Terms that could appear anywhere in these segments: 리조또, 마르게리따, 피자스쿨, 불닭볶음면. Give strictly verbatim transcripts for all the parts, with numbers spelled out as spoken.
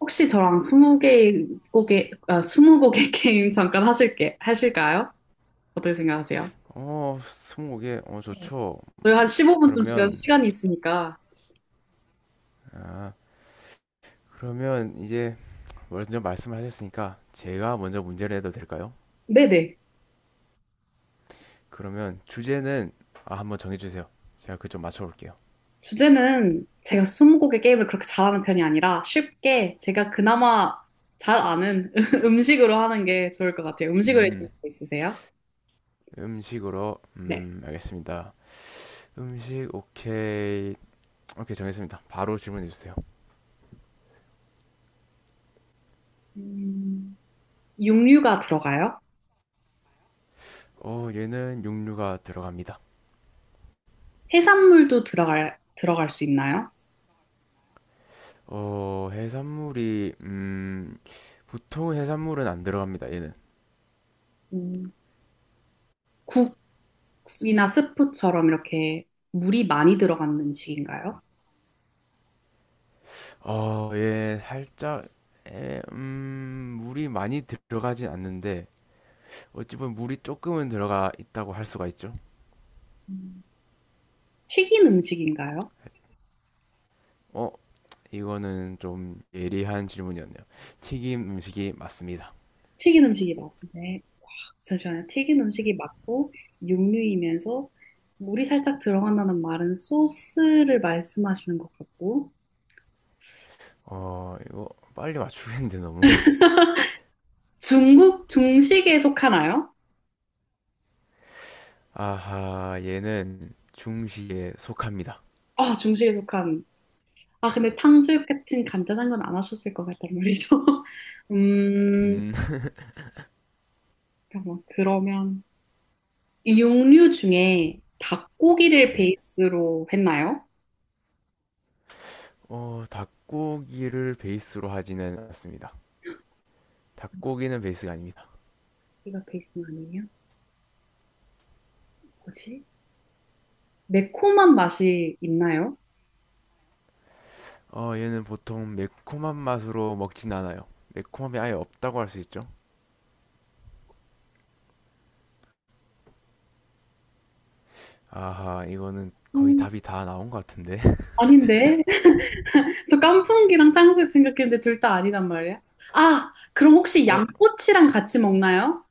혹시 저랑 스무 개 곡의 아, 스무 곡의 게임 잠깐 하실게 하실까요? 어떻게 생각하세요? 어, 스무고개, 어, 좋죠. 저희 한 십오 분쯤 지금 그러면, 시간이 있으니까. 아, 그러면 이제 먼저 말씀을 하셨으니까 제가 먼저 문제를 해도 될까요? 네네. 그러면 주제는, 아, 한번 정해주세요. 제가 그 좀 맞춰볼게요. 주제는 제가 스무 곡의 게임을 그렇게 잘하는 편이 아니라 쉽게 제가 그나마 잘 아는 음식으로 하는 게 좋을 것 같아요. 음식을 해주실 음, 수 있으세요? 음식으로, 네. 음, 알겠습니다. 음식, 오케이. 오케이, 정했습니다. 바로 질문해주세요. 음, 육류가 들어가요? 어, 얘는 육류가 들어갑니다. 해산물도 들어갈 들어갈 수 있나요? 어, 해산물이, 음, 보통 해산물은 안 들어갑니다, 얘는. 음, 국이나 스프처럼 이렇게 물이 많이 들어간 음식인가요? 어, 예, 살짝, 에, 음, 물이 많이 들어가진 않는데, 어찌 보면 물이 조금은 들어가 있다고 할 수가 있죠. 음, 튀긴 음식인가요? 어, 이거는 좀 예리한 질문이었네요. 튀김 음식이 맞습니다. 튀긴 음식이 맞은데 잠시만요. 튀긴 음식이 맞고 육류이면서 물이 살짝 들어간다는 말은 소스를 말씀하시는 것 같고 어, 이거 빨리 맞추겠는데, 너무. 중국 중식에 속하나요? 아하, 얘는 중식에 속합니다. 아, 중식에 속한. 아, 근데 탕수육 같은 간단한 건 안 하셨을 것 같단 말이죠. 음, 음, 잠깐만. 그러면 육류 중에 닭고기를 네. 베이스로 했나요? 어, 닭고기를 베이스로 하지는 않습니다. 닭고기는 베이스가 아닙니다. 고기가 베이스는 아니에요? 뭐지? 매콤한 맛이 있나요? 어, 얘는 보통 매콤한 맛으로 먹진 않아요. 매콤함이 아예 없다고 할 수 있죠. 아하, 이거는 거의 음, 답이 다 나온 것 같은데. 아닌데. 저 깐풍기랑 탕수육 생각했는데 둘 다 아니단 말이야. 아, 그럼 혹시 어, 양꼬치랑 같이 먹나요?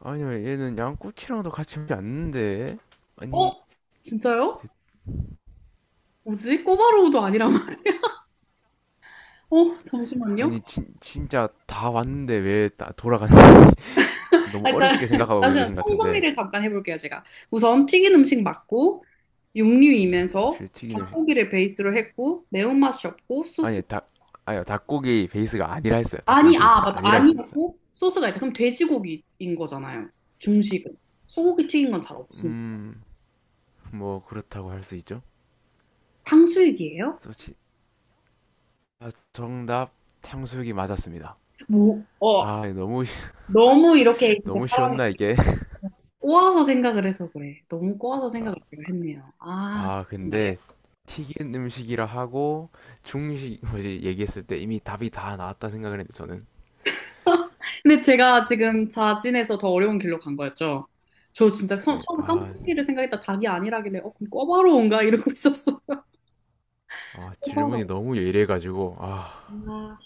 아니요, 얘는 양꼬치랑도 같이 먹지 않는데. 아니, 어? 진짜요? 지- 뭐지? 꼬바로우도 아니란 말. 어, 잠시만요. 아니, 진, 진짜 다 왔는데 왜 다 돌아갔는지. 너무 아, 자, 어렵게 생각하고 잠시만. 계신 것 같은데. 총정리를 잠깐 해볼게요, 제가. 우선 튀긴 음식 맞고, 육류이면서 실 튀기는, 실- 닭고기를 베이스로 했고, 매운맛이 없고, 소스. 아니, 닭, 아니요, 닭고기 베이스가 아니라 했어요. 닭고기 아니, 아, 베이스가 맞다. 아니라 했어요. 아니었고, 소스가 있다. 그럼 돼지고기인 거잖아요. 중식은. 소고기 튀긴 건 잘 없으니까. 음, 뭐, 그렇다고 할 수 있죠. 탕수육이에요? 그래서 지- 아, 정답, 탕수육이 맞았습니다. 뭐, 어, 아, 너무, 쉬- 너무 이렇게 진짜 너무 사람이 쉬웠나, 이게? 꼬아서 생각을 해서 그래. 너무 꼬아서 생각을 지금 했네요. 아, 아, 무슨 말이에요? 근데, 튀긴 음식이라 하고, 중식, 뭐지, 얘기했을 때 이미 답이 다 나왔다 생각을 했는데, 저는. 근데 제가 지금 자진해서 더 어려운 길로 간 거였죠. 저 진짜 처, 네, 처음에 아, 깐풍기를 생각했다 닭이 아니라길래 어, 그럼 꿔바로 온가 이러고 있었어요. 아, 꿔바로. 질문이 너무 예리해가지고, 아,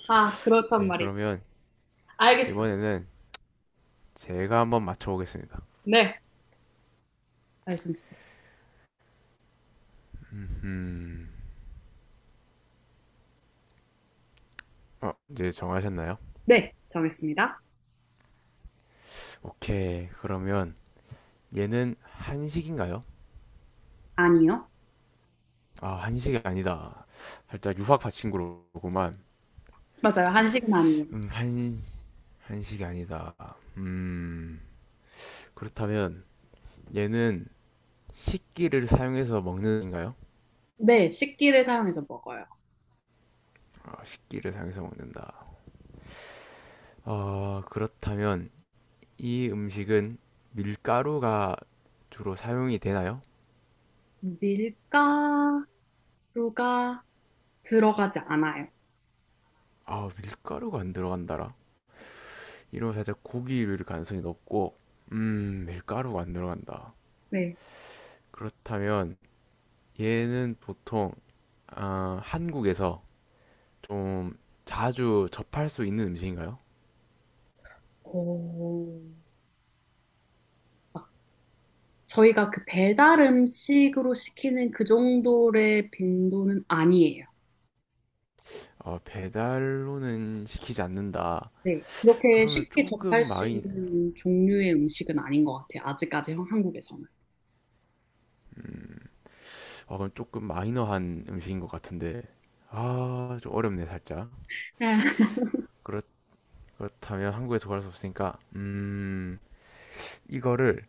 아하, 그렇단 오케이, 말이죠. 그러면, 알겠어. 이번에는 제가 한번 맞춰보겠습니다. 네, 말씀 주세요. 음, 어, 이제 정하셨나요? 네, 정했습니다. 오케이, 그러면, 얘는 한식인가요? 아니요. 아, 한식이 아니다. 살짝 유학 파친구로구만. 맞아요. 한식은 아니에요. 음, 한, 한식이 아니다. 음, 그렇다면 얘는 식기를 사용해서 먹는가요? 네, 식기를 사용해서 먹어요. 아, 식기를 사용해서 먹는다. 어, 그렇다면 이 음식은 밀가루가 주로 사용이 되나요? 밀가루가 들어가지 않아요. 아, 밀가루가 안 들어간다라. 이러면 살짝 고기일 가능성이 높고, 음, 밀가루가 안 들어간다. 네. 그렇다면 얘는 보통 아, 한국에서 좀 자주 접할 수 있는 음식인가요? 오, 저희가 그 배달 음식으로 시키는 그 정도의 빈도는 아니에요. 어, 배달로는 시키지 않는다. 네. 그렇게 그러면 쉽게 조금 접할 수 마이, 있는 종류의 음식은 아닌 것 같아요. 아직까지 한- 한국에서는. 아, 그럼 조금 마이너한 음식인 것 같은데, 아, 좀 어렵네, 살짝. 네. 그렇, 그렇다면 한국에서 구할 수 없으니까, 음, 이거를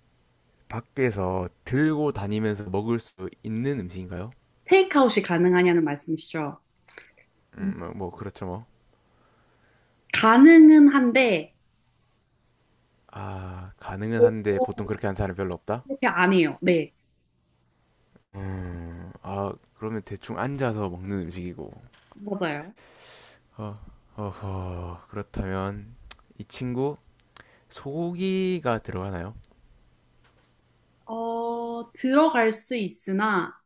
밖에서 들고 다니면서 먹을 수 있는 음식인가요? 테이크아웃이 가능하냐는 말씀이시죠? 음. 음, 뭐, 뭐 그렇죠, 뭐. 가능은 한데, 아, 가능은 한데 보통 결코 그렇게 하는 사람이 별로 없다? 그렇게 안 해요. 네. 음, 아, 그러면 대충 앉아서 먹는 음식이고, 맞아요. 어, 어허, 그렇다면 이 친구 소고기가 들어가나요? 어, 들어갈 수 있으나,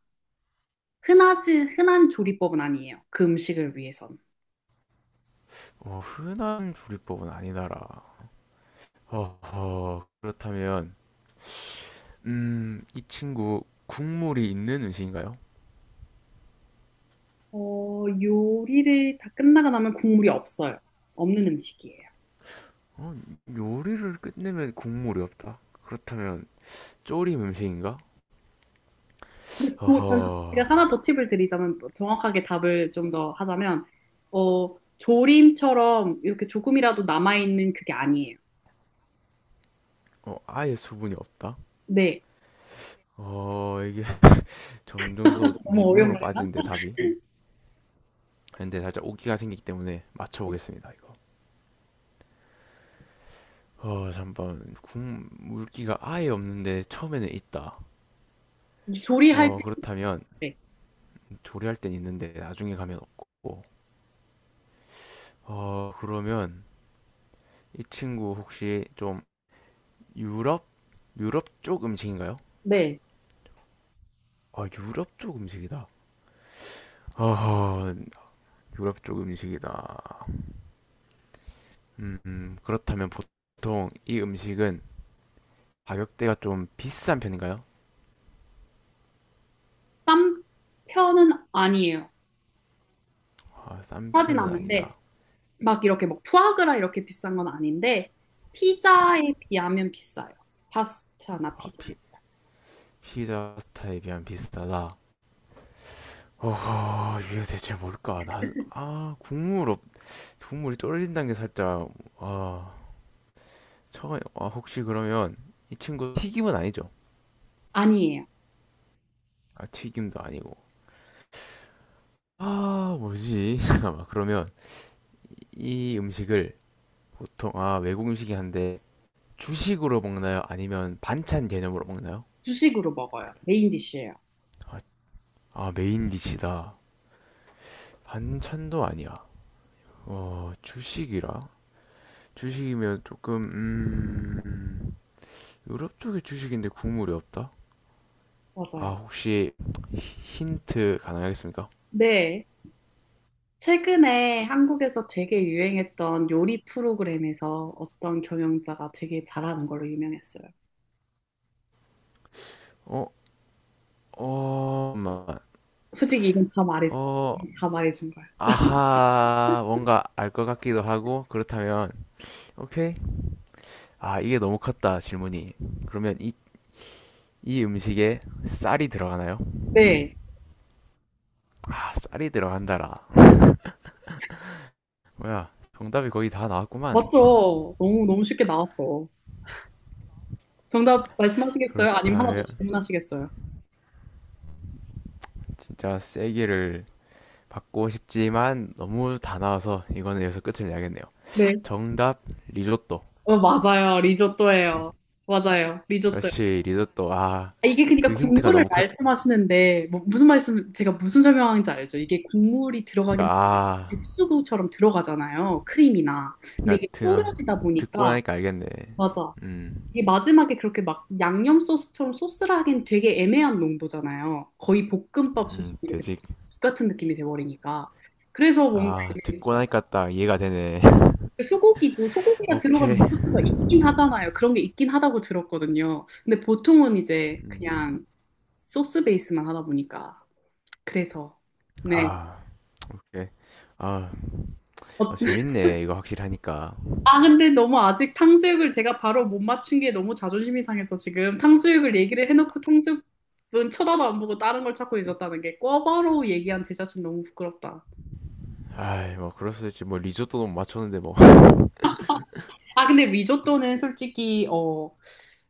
흔하지, 흔한 조리법은 아니에요. 그 음식을 위해서. 어, 흔한 조리법은 아니다라. 허허, 그렇다면, 음, 이 친구 국물이 있는 음식인가요? 어, 요리를 다 끝나고 나면 국물이 없어요. 없는 음식이에요. 어, 요리를 끝내면 국물이 없다. 그렇다면 조림 음식인가? 뭐, 잠시 제가 허허, 하나 더 팁을 드리자면 뭐 정확하게 답을 좀 더 하자면 어, 조림처럼 이렇게 조금이라도 남아있는 그게 아니에요. 어, 아예 수분이 없다. 네. 어, 이게 점점 더 너무 어려운 미궁으로 거 같아요. 빠지는데 답이. 근데 살짝 오기가 생기기 때문에 맞춰보겠습니다, 이거. 어, 잠깐, 국물기가 아예 없는데 처음에는 있다. 조리할 어, 때 그렇다면 네. 조리할 땐 있는데 나중에 가면 없고. 어, 그러면 이 친구 혹시 좀 유럽? 유럽 쪽 음식인가요? 네. 아, 유럽 쪽 음식이다. 어 유럽 쪽 음식이다. 음, 음, 그렇다면 보통 이 음식은 가격대가 좀 비싼 편인가요? 쌈 편은 아니에요. 아, 싼 하진 편은 않는데 아니다. 막 이렇게 뭐 푸아그라 이렇게 비싼 건 아닌데 피자에 비하면 비싸요. 파스타나 아, 피자에. 피, 피자 스타일에 비하면 비싸다. 어허, 이게 대체 뭘까? 나, 아, 국물 없, 국물이 쫄린다는 게 살짝, 아, 처아 혹시 그러면 이 친구 튀김은 아니죠? 아니에요. 아 튀김도 아니고. 아 뭐지? 잠깐만, 그러면 이 음식을 보통, 아 외국 음식이 한데, 주식으로 먹나요? 아니면 반찬 개념으로 먹나요? 주식으로 먹어요. 메인 디쉬예요. 아, 아, 메인 디시다. 반찬도 아니야. 아, 주식이라. 주식이면 조금 음 유럽 쪽의 주식인데 국물이 없다? 아 맞아요. 혹시 힌트 가능하겠습니까? 네. 최근에 한국에서 되게 유행했던 요리 프로그램에서 어떤 경영자가 되게 잘하는 걸로 유명했어요. 어? 어... 잠깐만. 솔직히 이건 다 말해, 어... 다 말해준 거예요. 아하, 뭔가 알 것 같기도 하고, 그렇다면, 오케이. 아, 이게 너무 컸다, 질문이. 그러면 이, 이 음식에 쌀이 들어가나요? 네. 아, 쌀이 들어간다라. 뭐야, 정답이 거의 다 나왔구만. 맞죠? 너무, 너무 쉽게 나왔죠. 정답 말씀하시겠어요? 아니면 하나 더 그렇다면, 질문하시겠어요? 진짜 세기를 받고 싶지만, 너무 다 나와서, 이거는 여기서 끝을 내야겠네요. 네. 정답, 리조또. 어, 맞아요. 리조또예요. 맞아요. 리조또. 그렇지, 리조또. 아, 아, 이게 그러니까 그 힌트가 국물을 너무 컸, 말씀하시는데 뭐 무슨 말씀 제가 무슨 설명하는지 알죠? 이게 국물이 그니까, 들어가긴 하는데 아, 육수구처럼 들어가잖아요. 크림이나. 근데 이게 그니까, 졸여지다 듣고 보니까 나니까 알겠네. 맞아. 음, 이게 마지막에 그렇게 막 양념 소스처럼 소스라 하긴 되게 애매한 농도잖아요. 거의 볶음밥 소스 음, 이렇게 돼지 죽 같은 느낌이 돼버리니까. 그래서 뭔가 아, 듣고 애매했어요. 나니까 딱 이해가 되네. 소고기도 소고기가 들어가는 오케이. 소스가 있긴 하잖아요. 그런 게 있긴 하다고 들었거든요. 근데 보통은 이제 음, 그냥 소스 베이스만 하다 보니까. 그래서, 네. 아, 오케이. 아, 어, 어, 재밌네. 이거 확실히 하니까. 아, 근데 너무 아직 탕수육을 제가 바로 못 맞춘 게 너무 자존심이 상해서 지금 탕수육을 얘기를 해놓고 탕수육은 쳐다도 안 보고 다른 걸 찾고 있었다는 게 꿔바로 얘기한 제 자신 너무 부끄럽다. 아이, 뭐, 그럴 수도 있지. 뭐, 리조또도 못 맞췄는데, 뭐. 아, 근데 리조또는 솔직히, 어,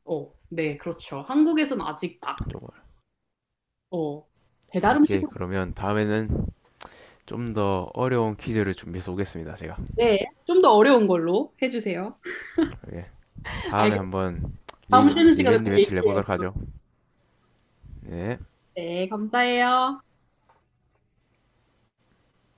어, 네, 그렇죠. 한국에선 아직 막, 정말. 어, 배달 오케이. 음식으로, 그러면 다음에는 좀 더 어려운 퀴즈를 준비해서 오겠습니다. 제가. 네, 좀 더 어려운 걸로 해주세요. 예. 다음에 알겠습니다. 한번 다음 리벤, 쉬는 시간에 또 리벤지 매치를 얘기해요. 해보도록 하죠. 예. 네, 감사해요.